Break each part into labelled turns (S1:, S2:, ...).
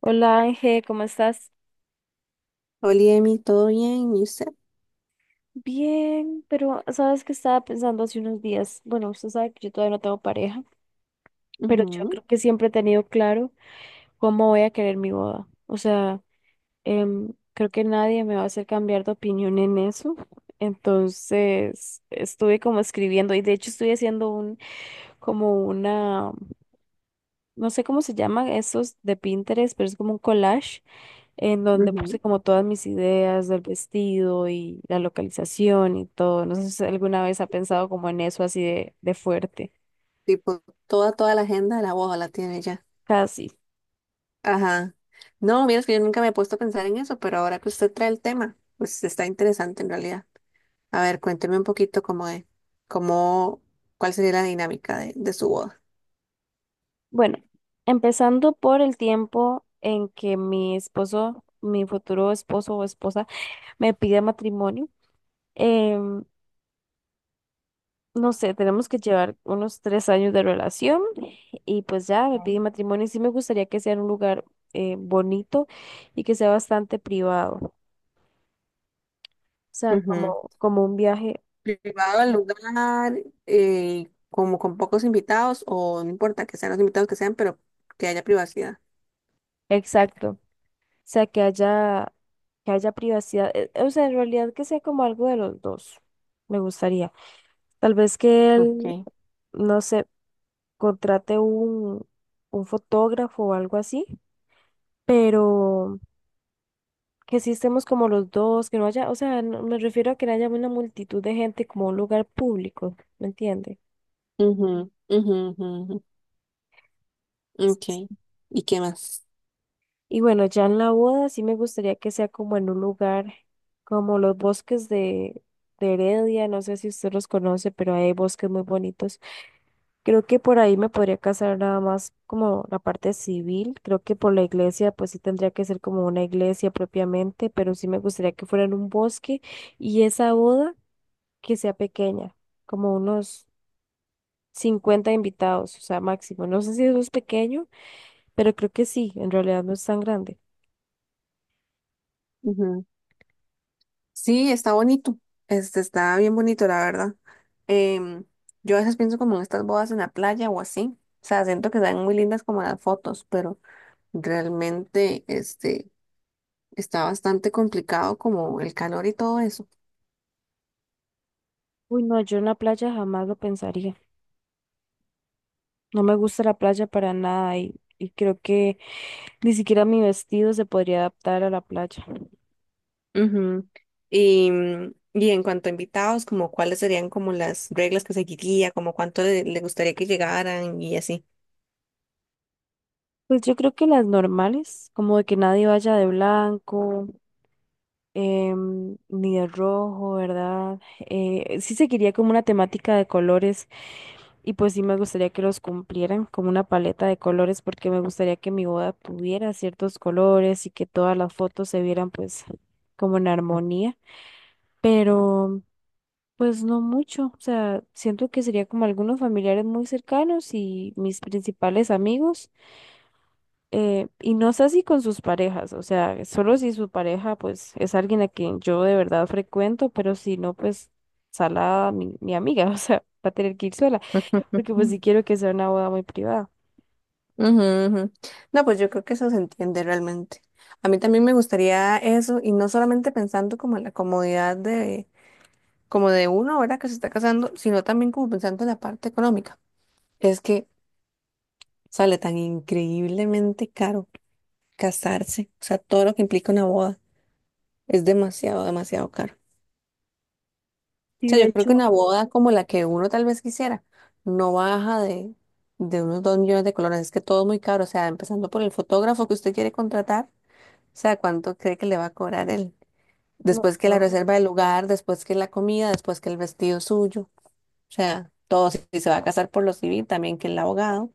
S1: Hola Ángel, ¿cómo estás?
S2: Oli, Emi, ¿todo bien? ¿Y usted?
S1: Bien, pero sabes que estaba pensando hace unos días. Bueno, usted sabe que yo todavía no tengo pareja, pero yo creo que siempre he tenido claro cómo voy a querer mi boda. O sea, creo que nadie me va a hacer cambiar de opinión en eso. Entonces, estuve como escribiendo y de hecho estoy haciendo como no sé cómo se llama esos de Pinterest, pero es como un collage en donde
S2: Ujú,
S1: puse
S2: ujú.
S1: como todas mis ideas del vestido y la localización y todo. No sé si alguna vez ha pensado como en eso así de fuerte.
S2: Tipo, toda la agenda de la boda la tiene ya.
S1: Casi.
S2: Ajá. No, mira, es que yo nunca me he puesto a pensar en eso, pero ahora que usted trae el tema, pues está interesante en realidad. A ver, cuénteme un poquito cómo, cuál sería la dinámica de su boda.
S1: Bueno, empezando por el tiempo en que mi esposo, mi futuro esposo o esposa, me pide matrimonio. em, no sé, tenemos que llevar unos 3 años de relación y pues ya me pide matrimonio y sí me gustaría que sea en un lugar bonito y que sea bastante privado. O sea,
S2: Ujú.
S1: como un viaje.
S2: Privado el lugar, como con pocos invitados, o no importa que sean los invitados que sean, pero que haya privacidad.
S1: Exacto. O sea, que haya privacidad. O sea, en realidad que sea como algo de los dos. Me gustaría. Tal vez que
S2: Ok.
S1: él, no sé, contrate un fotógrafo o algo así, pero que sí estemos como los dos, que no haya, o sea, me refiero a que no haya una multitud de gente como un lugar público, ¿me entiende?
S2: Ujú, ujú, ujú, ujú. Ok. ¿Y qué más?
S1: Y bueno, ya en la boda sí me gustaría que sea como en un lugar como los bosques de Heredia, no sé si usted los conoce, pero hay bosques muy bonitos. Creo que por ahí me podría casar nada más como la parte civil, creo que por la iglesia pues sí tendría que ser como una iglesia propiamente, pero sí me gustaría que fuera en un bosque y esa boda que sea pequeña, como unos 50 invitados, o sea, máximo. No sé si eso es pequeño, pero creo que sí, en realidad no es tan grande.
S2: Sí, está bonito. Este está bien bonito, la verdad. Em, yo a veces pienso como en estas bodas en la playa o así. O sea, siento que están muy lindas como en las fotos, pero realmente este está bastante complicado como el calor y todo eso.
S1: Uy, no, yo en la playa jamás lo pensaría. No me gusta la playa para nada y creo que ni siquiera mi vestido se podría adaptar a la playa.
S2: Ujú. Y en cuanto a invitados, como cuáles serían como las reglas que seguiría, como cuánto le gustaría que llegaran y así.
S1: Pues yo creo que las normales, como de que nadie vaya de blanco, ni de rojo, ¿verdad? Sí seguiría como una temática de colores y pues sí me gustaría que los cumplieran como una paleta de colores porque me gustaría que mi boda tuviera ciertos colores y que todas las fotos se vieran pues como en armonía. Pero... Pues no mucho, o sea, siento que sería como algunos familiares muy cercanos y mis principales amigos, y no sé si con sus parejas, o sea, solo si su pareja pues es alguien a quien yo de verdad frecuento, pero si no, pues salada mi amiga, o sea, va a tener que ir sola, porque pues sí quiero que sea una boda muy privada.
S2: Ujú, ujú. No, pues yo creo que eso se entiende realmente. A mí también me gustaría eso, y no solamente pensando como en la comodidad de, como de uno ahora que se está casando, sino también como pensando en la parte económica. Es que sale tan increíblemente caro casarse, o sea, todo lo que implica una boda es demasiado, demasiado caro. O
S1: Y
S2: sea,
S1: de
S2: yo creo que
S1: hecho,
S2: una boda como la que uno tal vez quisiera no baja de unos 2 millones de colones, es que todo es muy caro, o sea, empezando por el fotógrafo que usted quiere contratar sea, ¿cuánto cree que le va a cobrar él?
S1: no,
S2: Después que la
S1: yo-
S2: reserva del lugar, después que la comida, después que el vestido suyo. O sea, todo si se va a casar por lo civil, también que el abogado.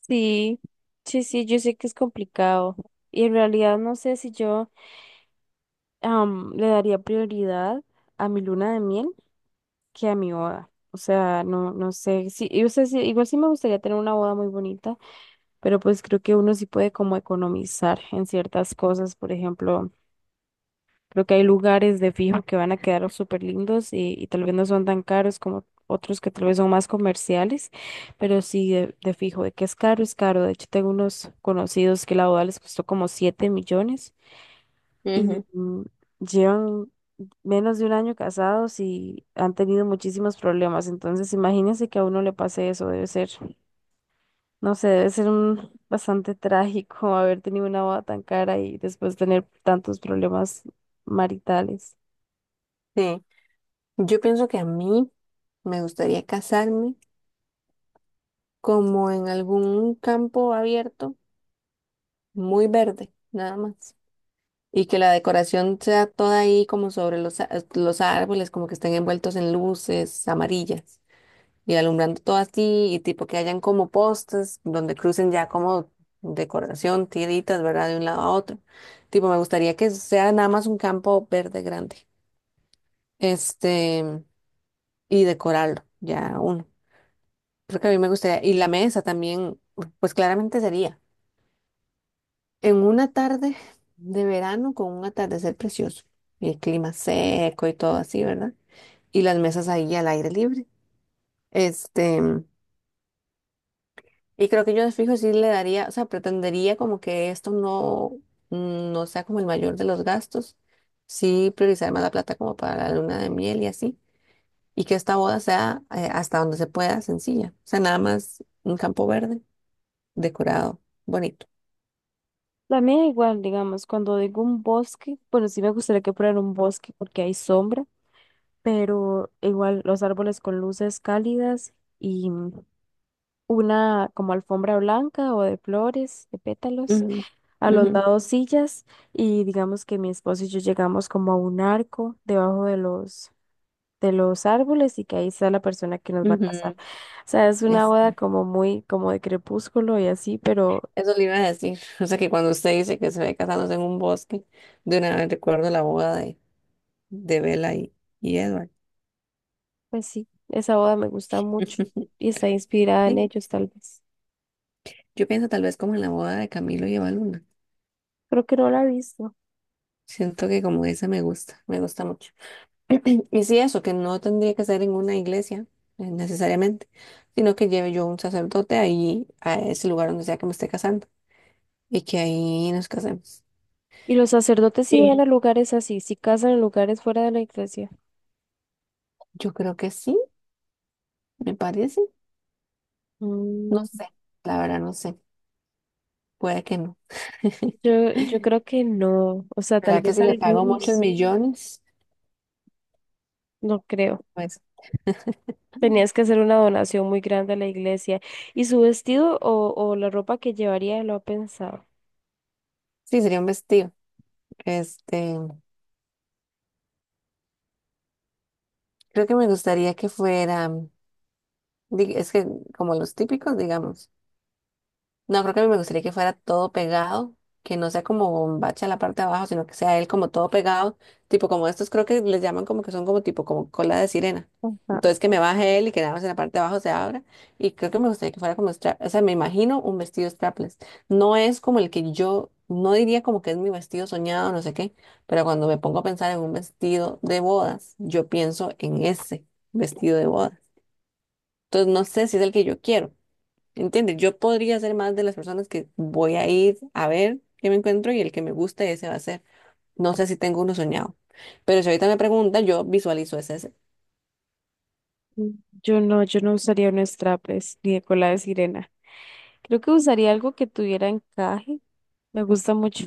S1: sí, sí, yo sé que es complicado y en realidad no sé si yo le daría prioridad a mi luna de miel que a mi boda. O sea, no, no sé, sí, y, o sea, sí, igual sí me gustaría tener una boda muy bonita, pero pues creo que uno sí puede como economizar en ciertas cosas, por ejemplo, creo que hay lugares de fijo que van a quedar súper lindos y tal vez no son tan caros como otros que tal vez son más comerciales, pero sí de fijo, de que es caro, es caro. De hecho, tengo unos conocidos que la boda les costó como 7 millones y
S2: Ujú.
S1: llevan menos de un año casados y han tenido muchísimos problemas. Entonces, imagínense que a uno le pase eso, debe ser, no sé, debe ser un bastante trágico haber tenido una boda tan cara y después tener tantos problemas maritales.
S2: Sí, yo pienso que a mí me gustaría casarme como en algún campo abierto, muy verde, nada más. Y que la decoración sea toda ahí como sobre los árboles, como que estén envueltos en luces amarillas. Y alumbrando todo así y tipo que hayan como postes donde crucen ya como decoración, tiritas, ¿verdad? De un lado a otro. Tipo, me gustaría que sea nada más un campo verde grande. Este, y decorarlo, ya uno. Creo que a mí me gustaría. Y la mesa también, pues claramente sería en una tarde de verano con un atardecer precioso y el clima seco y todo así, ¿verdad? Y las mesas ahí al aire libre. Este. Y creo que yo de fijo sí le daría, o sea, pretendería como que esto no sea como el mayor de los gastos, sí priorizar más la plata como para la luna de miel y así, y que esta boda sea hasta donde se pueda sencilla, o sea, nada más un campo verde, decorado, bonito.
S1: La mía igual, digamos, cuando digo un bosque, bueno, sí me gustaría que fuera un bosque porque hay sombra, pero igual los árboles con luces cálidas y una como alfombra blanca o de flores, de pétalos
S2: Ujú,
S1: a los
S2: ujú,
S1: lados sillas y digamos que mi esposo y yo llegamos como a un arco debajo de los árboles y que ahí está la persona que nos va a casar.
S2: ujú.
S1: O sea, es una
S2: Es-
S1: boda como muy como de crepúsculo y así, pero
S2: eso le iba a decir, o sea, que cuando usted dice que se ve casándose en un bosque, de una vez recuerdo la boda de Bella y Edward.
S1: pues sí, esa boda me gusta mucho y está inspirada en
S2: Sí,
S1: ellos tal vez.
S2: yo pienso tal vez como en la boda de Camilo y Evaluna.
S1: Creo que no la he visto.
S2: Siento que como esa me gusta mucho. Y sí, eso, que no tendría que ser en una iglesia necesariamente, sino que lleve yo un sacerdote ahí a ese lugar donde sea que me esté casando y que ahí nos casemos.
S1: Y los sacerdotes sí van a
S2: Sí.
S1: lugares así, sí casan en lugares fuera de la iglesia.
S2: Yo creo que sí, me parece. No
S1: Mm,
S2: sé, la verdad no sé. Puede que no.
S1: yo creo que no, o sea, tal
S2: ¿Verdad que
S1: vez
S2: si le pago muchos
S1: algunos,
S2: millones?
S1: no creo.
S2: Pues
S1: Tenías que hacer una donación muy grande a la iglesia. ¿Y su vestido o la ropa que llevaría lo ha pensado?
S2: sí, sería un vestido. Este, creo que me gustaría que fuera, es que como los típicos, digamos. No, creo que me gustaría que fuera todo pegado, que no sea como bombacha en la parte de abajo, sino que sea él como todo pegado, tipo como estos creo que les llaman como que son como tipo como cola de sirena.
S1: Ajá.
S2: Entonces que me baje él y que nada más en la parte de abajo se abra. Y creo que me gustaría que fuera como strap, o sea, me imagino un vestido strapless. No es como el que yo, no diría como que es mi vestido soñado, no sé qué, pero cuando me pongo a pensar en un vestido de bodas, yo pienso en ese vestido de bodas. Entonces no sé si es el que yo quiero. ¿Entiendes? Yo podría ser más de las personas que voy a ir a ver qué me encuentro y el que me guste, ese va a ser. No sé si tengo uno soñado. Pero si ahorita me pregunta, yo visualizo ese. Ese.
S1: Mm. Yo no, yo no usaría unos traples ni de cola de sirena. Creo que usaría algo que tuviera encaje. Me gusta mucho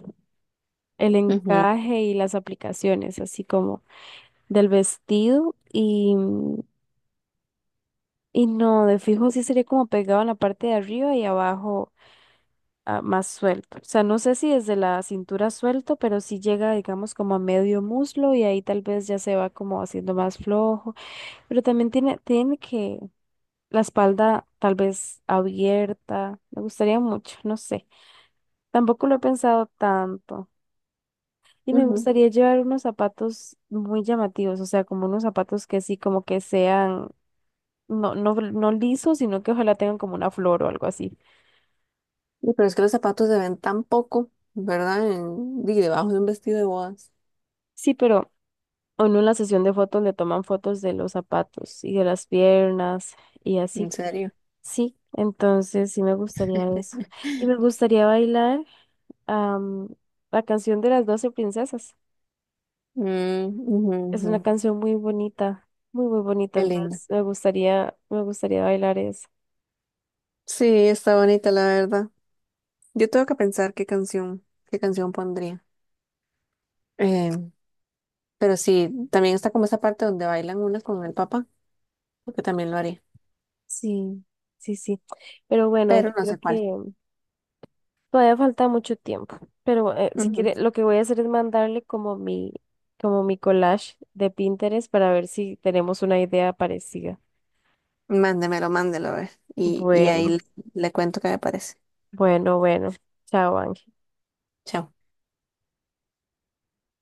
S1: el
S2: Ujú,
S1: encaje y las aplicaciones, así como del vestido y no, de fijo sí sería como pegado en la parte de arriba y abajo ah, más suelto. O sea, no sé si desde la cintura suelto, pero sí llega, digamos, como a medio muslo y ahí tal vez ya se va como haciendo más flojo. Pero también tiene que la espalda tal vez abierta. Me gustaría mucho, no sé. Tampoco lo he pensado tanto. Y me
S2: ujú.
S1: gustaría llevar unos zapatos muy llamativos, o sea, como unos zapatos que sí, como que sean, no lisos, sino que ojalá tengan como una flor o algo así.
S2: Y pero es que los zapatos se ven tan poco, ¿verdad? Di, debajo de un vestido de bodas.
S1: Sí, pero o en una sesión de fotos le toman fotos de los zapatos y de las piernas y
S2: En
S1: así.
S2: serio.
S1: Sí, entonces sí me gustaría eso. Y me gustaría bailar am, la canción de las 12 princesas.
S2: Mm, ujú,
S1: Es una
S2: ujú.
S1: canción muy bonita, muy, muy bonita.
S2: Qué lindo.
S1: Entonces me gustaría bailar eso.
S2: Sí, está bonita, la verdad. Yo tengo que pensar qué canción pondría. Em, pero sí, también está como esa parte donde bailan unas con el papá, porque también lo haría,
S1: Sí, sí, sí. Pero bueno,
S2: pero
S1: yo
S2: no
S1: creo
S2: sé cuál.
S1: que todavía falta mucho tiempo, pero si
S2: Ujú.
S1: quiere, lo que voy a hacer es mandarle como como mi collage de Pinterest para ver si tenemos una idea parecida.
S2: Mándemelo, mándelo, a ver. Y ahí
S1: Bueno,
S2: le cuento qué me parece.
S1: bueno. Chao, Ángel.
S2: Chao.